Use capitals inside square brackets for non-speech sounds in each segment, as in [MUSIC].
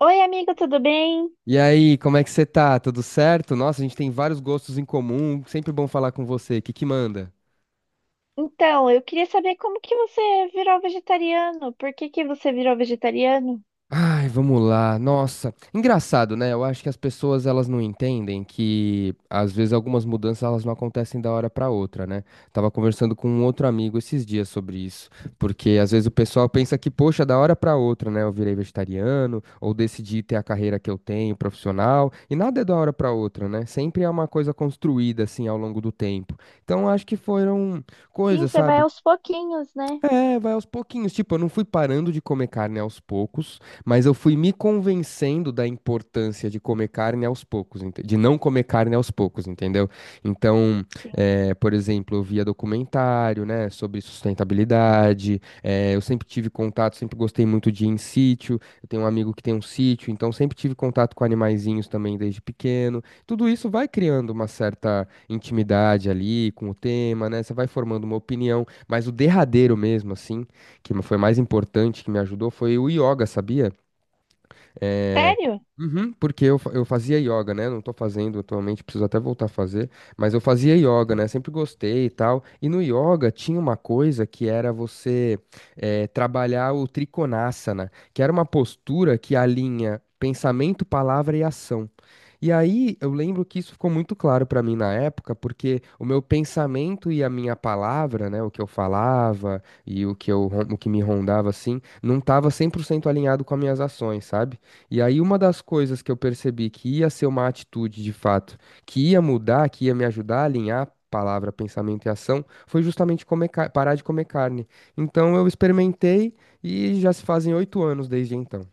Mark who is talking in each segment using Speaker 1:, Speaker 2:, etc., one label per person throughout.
Speaker 1: Oi, amigo, tudo bem?
Speaker 2: E aí, como é que você tá? Tudo certo? Nossa, a gente tem vários gostos em comum. Sempre bom falar com você. O que que manda?
Speaker 1: Então, eu queria saber como que você virou vegetariano. Por que que você virou vegetariano?
Speaker 2: Ai, vamos lá. Nossa, engraçado, né? Eu acho que as pessoas elas não entendem que às vezes algumas mudanças elas não acontecem da hora pra outra, né? Tava conversando com um outro amigo esses dias sobre isso, porque às vezes o pessoal pensa que, poxa, da hora pra outra, né? Eu virei vegetariano ou decidi ter a carreira que eu tenho, profissional, e nada é da hora pra outra, né? Sempre é uma coisa construída assim ao longo do tempo. Então, eu acho que foram
Speaker 1: Sim,
Speaker 2: coisas,
Speaker 1: você vai
Speaker 2: sabe?
Speaker 1: aos pouquinhos, né?
Speaker 2: É, vai aos pouquinhos. Tipo, eu não fui parando de comer carne aos poucos, mas eu fui me convencendo da importância de comer carne aos poucos, de não comer carne aos poucos, entendeu? Então,
Speaker 1: Sim.
Speaker 2: por exemplo, eu via documentário, né, sobre sustentabilidade. Eh, eu sempre tive contato, sempre gostei muito de ir em sítio. Eu tenho um amigo que tem um sítio, então sempre tive contato com animaizinhos também desde pequeno. Tudo isso vai criando uma certa intimidade ali com o tema, né? Você vai formando uma opinião. Mas o derradeiro mesmo, assim, que foi mais importante, que me ajudou, foi o yoga, sabia?
Speaker 1: Sério?
Speaker 2: Uhum, porque eu, eu fazia yoga, né? Não tô fazendo atualmente, preciso até voltar a fazer. Mas eu fazia yoga, né? Sempre gostei e tal. E no yoga tinha uma coisa que era você trabalhar o Trikonasana, que era uma postura que alinha pensamento, palavra e ação. E aí eu lembro que isso ficou muito claro pra mim na época, porque o meu pensamento e a minha palavra, né? O que eu falava e o que eu, o que me rondava assim, não tava 100% alinhado com as minhas ações, sabe? E aí, uma das coisas que eu percebi que ia ser uma atitude de fato, que ia mudar, que ia me ajudar a alinhar palavra, pensamento e ação, foi justamente comer parar de comer carne. Então, eu experimentei e já se fazem 8 anos desde então.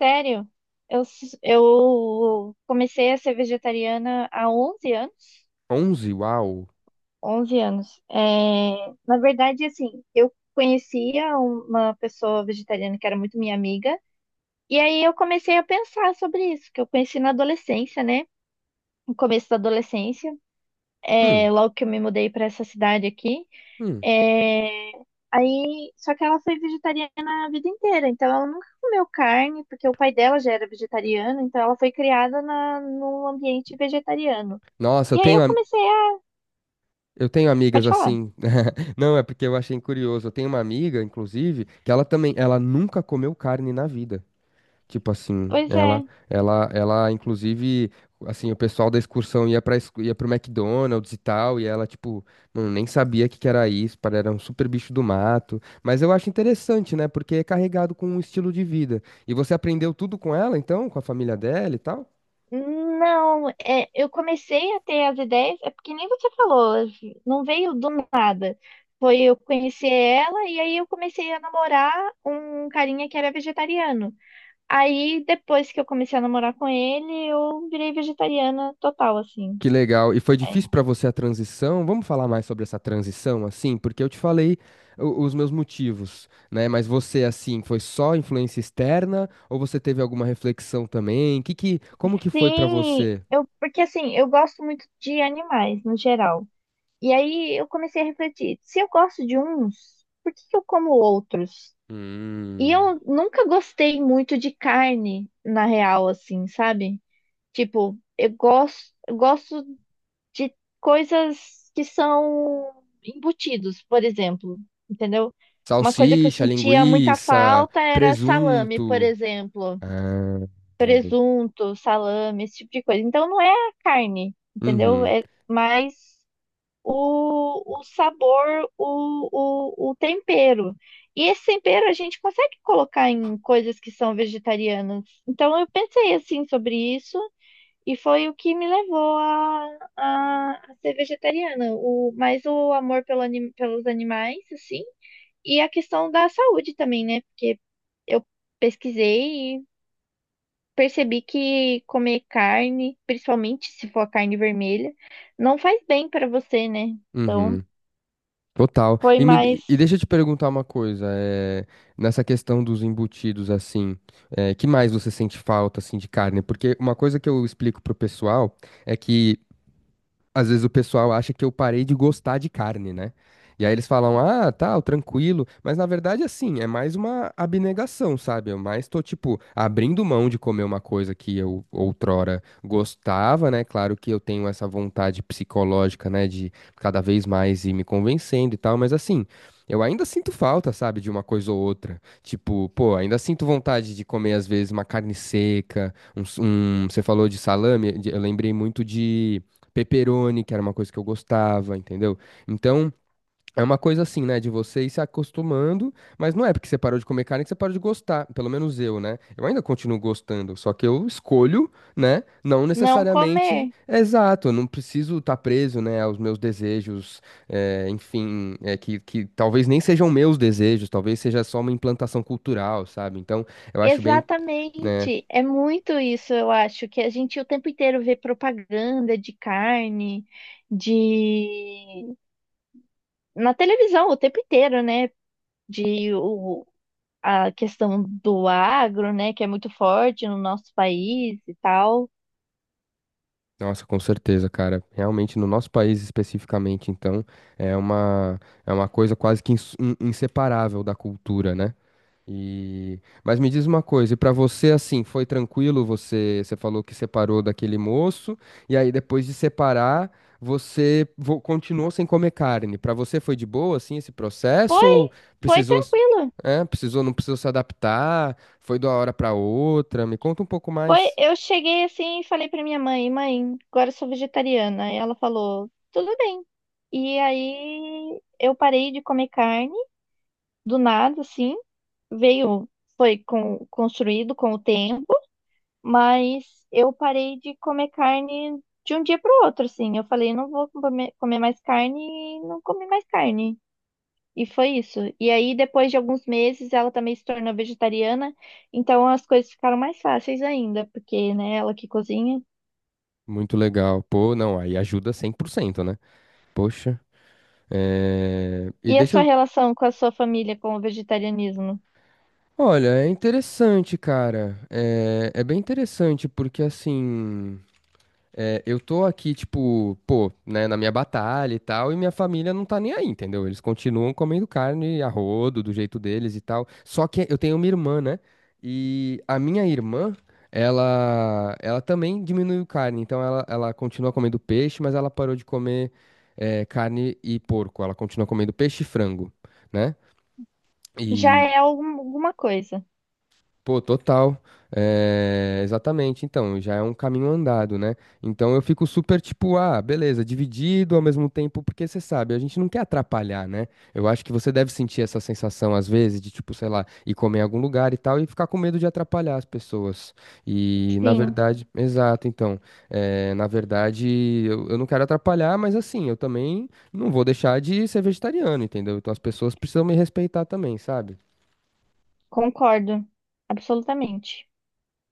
Speaker 1: Sério? Eu comecei a ser vegetariana há 11 anos.
Speaker 2: Onze? Uau!
Speaker 1: 11 anos. É, na verdade, assim, eu conhecia uma pessoa vegetariana que era muito minha amiga. E aí eu comecei a pensar sobre isso, que eu conheci na adolescência, né? No começo da adolescência.
Speaker 2: Hum,
Speaker 1: É, logo que eu me mudei pra essa cidade aqui.
Speaker 2: hum.
Speaker 1: Só que ela foi vegetariana a vida inteira, então ela nunca comeu carne, porque o pai dela já era vegetariano, então ela foi criada num ambiente vegetariano.
Speaker 2: Nossa,
Speaker 1: E aí eu comecei a.
Speaker 2: eu tenho amigas
Speaker 1: Pode falar.
Speaker 2: assim. [LAUGHS] Não, é porque eu achei curioso. Eu tenho uma amiga, inclusive, que ela também, ela nunca comeu carne na vida. Tipo assim,
Speaker 1: Pois
Speaker 2: ela,
Speaker 1: é.
Speaker 2: ela, ela, inclusive, assim, o pessoal da excursão ia pro McDonald's e tal, e ela, tipo, não, nem sabia o que que era isso, para era um super bicho do mato. Mas eu acho interessante, né? Porque é carregado com um estilo de vida. E você aprendeu tudo com ela, então, com a família dela e tal?
Speaker 1: Não, é, eu comecei a ter as ideias, é porque nem você falou, não veio do nada. Foi eu conhecer ela e aí eu comecei a namorar um carinha que era vegetariano. Aí, depois que eu comecei a namorar com ele, eu virei vegetariana total, assim.
Speaker 2: Que legal. E foi
Speaker 1: É.
Speaker 2: difícil para você a transição? Vamos falar mais sobre essa transição, assim? Porque eu te falei os meus motivos, né? Mas você, assim, foi só influência externa ou você teve alguma reflexão também? Como que foi para
Speaker 1: Sim,
Speaker 2: você?
Speaker 1: eu, porque assim, eu gosto muito de animais, no geral. E aí eu comecei a refletir, se eu gosto de uns, por que que eu como outros? E
Speaker 2: Hum,
Speaker 1: eu nunca gostei muito de carne, na real, assim, sabe? Tipo, eu gosto de coisas que são embutidos, por exemplo, entendeu? Uma coisa que eu
Speaker 2: salsicha,
Speaker 1: sentia muita
Speaker 2: linguiça,
Speaker 1: falta era salame, por
Speaker 2: presunto.
Speaker 1: exemplo,
Speaker 2: Ah, já vi.
Speaker 1: presunto, salame, esse tipo de coisa. Então não é a carne, entendeu?
Speaker 2: Uhum,
Speaker 1: É mais o sabor, o tempero. E esse tempero a gente consegue colocar em coisas que são vegetarianas. Então eu pensei assim sobre isso e foi o que me levou a ser vegetariana. O, mais o amor pelos animais, assim, e a questão da saúde também, né? Porque eu pesquisei e percebi que comer carne, principalmente se for a carne vermelha, não faz bem para você, né? Então,
Speaker 2: uhum. Total.
Speaker 1: foi mais
Speaker 2: E deixa eu te perguntar uma coisa, nessa questão dos embutidos, assim, é, que mais você sente falta, assim, de carne? Porque uma coisa que eu explico pro pessoal é que às vezes o pessoal acha que eu parei de gostar de carne, né? E aí eles falam, ah, tal, tranquilo. Mas na verdade, assim, é mais uma abnegação, sabe? Eu mais tô, tipo, abrindo mão de comer uma coisa que eu outrora gostava, né? Claro que eu tenho essa vontade psicológica, né, de cada vez mais ir me convencendo e tal, mas assim. Eu ainda sinto falta, sabe, de uma coisa ou outra. Tipo, pô, ainda sinto vontade de comer, às vezes, uma carne seca, você falou de salame, eu lembrei muito de pepperoni, que era uma coisa que eu gostava, entendeu? Então, é uma coisa assim, né, de você ir se acostumando, mas não é porque você parou de comer carne que você parou de gostar, pelo menos eu, né? Eu ainda continuo gostando, só que eu escolho, né, não
Speaker 1: não
Speaker 2: necessariamente
Speaker 1: comer.
Speaker 2: exato, eu não preciso estar preso, né, aos meus desejos, enfim, que talvez nem sejam meus desejos, talvez seja só uma implantação cultural, sabe? Então, eu acho bem. Né,
Speaker 1: Exatamente, é muito isso, eu acho, que a gente o tempo inteiro vê propaganda de carne, de na televisão o tempo inteiro, né? De o, a questão do agro, né? Que é muito forte no nosso país e tal.
Speaker 2: nossa, com certeza, cara. Realmente, no nosso país especificamente, então, é uma, é uma coisa quase inseparável da cultura, né? E... Mas me diz uma coisa, e pra você, assim, foi tranquilo? Você falou que separou daquele moço, e aí depois de separar, continuou sem comer carne. Pra você foi de boa, assim, esse processo?
Speaker 1: Foi,
Speaker 2: Ou
Speaker 1: foi
Speaker 2: precisou, s-
Speaker 1: tranquilo.
Speaker 2: precisou, não precisou se adaptar? Foi de uma hora pra outra? Me conta um pouco
Speaker 1: Foi,
Speaker 2: mais.
Speaker 1: eu cheguei assim e falei pra minha mãe, mãe, agora eu sou vegetariana. E ela falou, tudo bem. E aí eu parei de comer carne do nada, assim. Veio, foi com, construído com o tempo. Mas eu parei de comer carne de um dia para o outro, assim. Eu falei, não vou comer mais carne e não comi mais carne. E foi isso. E aí, depois de alguns meses, ela também se tornou vegetariana. Então, as coisas ficaram mais fáceis ainda, porque, né, ela que cozinha.
Speaker 2: Muito legal. Pô, não, aí ajuda 100%, né? Poxa. É... E
Speaker 1: E a
Speaker 2: deixa
Speaker 1: sua
Speaker 2: eu.
Speaker 1: relação com a sua família com o vegetarianismo?
Speaker 2: Olha, é interessante, cara. É... é bem interessante, porque assim. É, eu tô aqui, tipo, pô, né, na minha batalha e tal, e minha família não tá nem aí, entendeu? Eles continuam comendo carne a rodo, do jeito deles e tal. Só que eu tenho uma irmã, né? E a minha irmã, ela também diminuiu carne. Ela continua comendo peixe, mas ela parou de comer, é, carne e porco. Ela continua comendo peixe e frango, né?
Speaker 1: Já
Speaker 2: E
Speaker 1: é alguma coisa.
Speaker 2: pô, total. É, exatamente. Então, já é um caminho andado, né? Então eu fico super tipo, ah, beleza, dividido ao mesmo tempo, porque você sabe, a gente não quer atrapalhar, né? Eu acho que você deve sentir essa sensação às vezes de tipo, sei lá, ir comer em algum lugar e tal e ficar com medo de atrapalhar as pessoas. E na
Speaker 1: Sim,
Speaker 2: verdade, exato, então, é, na verdade, eu não quero atrapalhar, mas assim, eu também não vou deixar de ser vegetariano, entendeu? Então as pessoas precisam me respeitar também, sabe?
Speaker 1: concordo. Absolutamente.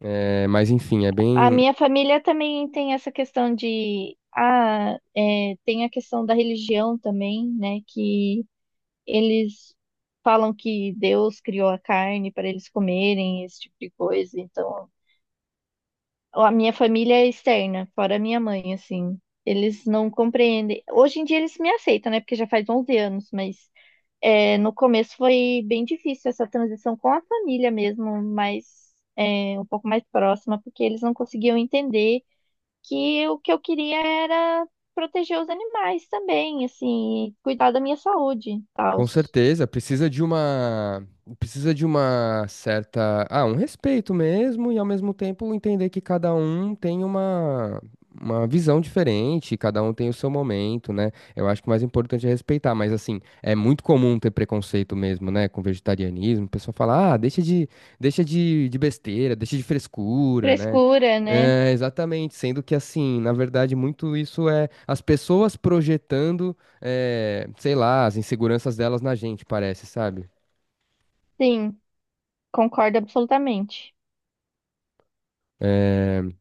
Speaker 2: É, mas enfim, é
Speaker 1: A
Speaker 2: bem.
Speaker 1: minha família também tem essa questão de. Ah, é, tem a questão da religião também, né? Que eles falam que Deus criou a carne para eles comerem, esse tipo de coisa. Então, a minha família é externa, fora a minha mãe, assim. Eles não compreendem. Hoje em dia eles me aceitam, né? Porque já faz 11 anos, mas é, no começo foi bem difícil essa transição com a família mesmo, mas é, um pouco mais próxima, porque eles não conseguiam entender que o que eu queria era proteger os animais também, assim, cuidar da minha saúde, tal.
Speaker 2: Com certeza, precisa de uma certa, ah, um respeito mesmo e ao mesmo tempo entender que cada um tem uma visão diferente, cada um tem o seu momento, né? Eu acho que o mais importante é respeitar, mas assim, é muito comum ter preconceito mesmo, né, com vegetarianismo. O pessoal fala: "Ah, deixa de besteira, deixa de frescura", né?
Speaker 1: Frescura, né?
Speaker 2: É, exatamente, sendo que assim, na verdade, muito isso é as pessoas projetando é, sei lá, as inseguranças delas na gente, parece, sabe?
Speaker 1: Sim, concordo absolutamente.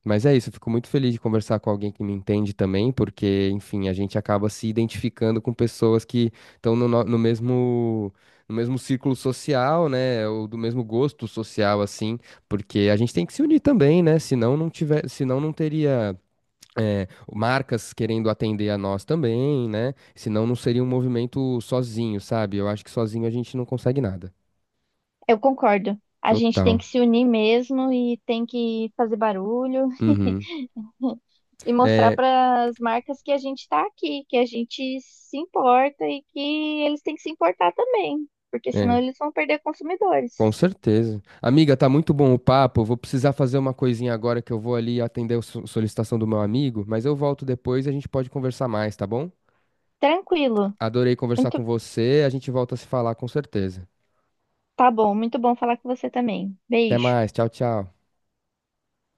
Speaker 2: Mas é isso, eu fico muito feliz de conversar com alguém que me entende também, porque, enfim, a gente acaba se identificando com pessoas que estão no mesmo. No mesmo círculo social, né? Ou do mesmo gosto social, assim, porque a gente tem que se unir também, né? Senão não teria é, marcas querendo atender a nós também, né? Senão não seria um movimento sozinho, sabe? Eu acho que sozinho a gente não consegue nada.
Speaker 1: Eu concordo. A gente tem
Speaker 2: Total.
Speaker 1: que se unir mesmo e tem que fazer barulho
Speaker 2: Uhum.
Speaker 1: [LAUGHS] e mostrar
Speaker 2: É,
Speaker 1: para as marcas que a gente está aqui, que a gente se importa e que eles têm que se importar também, porque senão
Speaker 2: é,
Speaker 1: eles vão perder consumidores.
Speaker 2: com certeza. Amiga, tá muito bom o papo. Vou precisar fazer uma coisinha agora que eu vou ali atender a solicitação do meu amigo, mas eu volto depois e a gente pode conversar mais, tá bom?
Speaker 1: Tranquilo.
Speaker 2: Adorei conversar
Speaker 1: Muito,
Speaker 2: com você. A gente volta a se falar com certeza.
Speaker 1: tá bom, muito bom falar com você também.
Speaker 2: Até
Speaker 1: Beijo.
Speaker 2: mais. Tchau, tchau.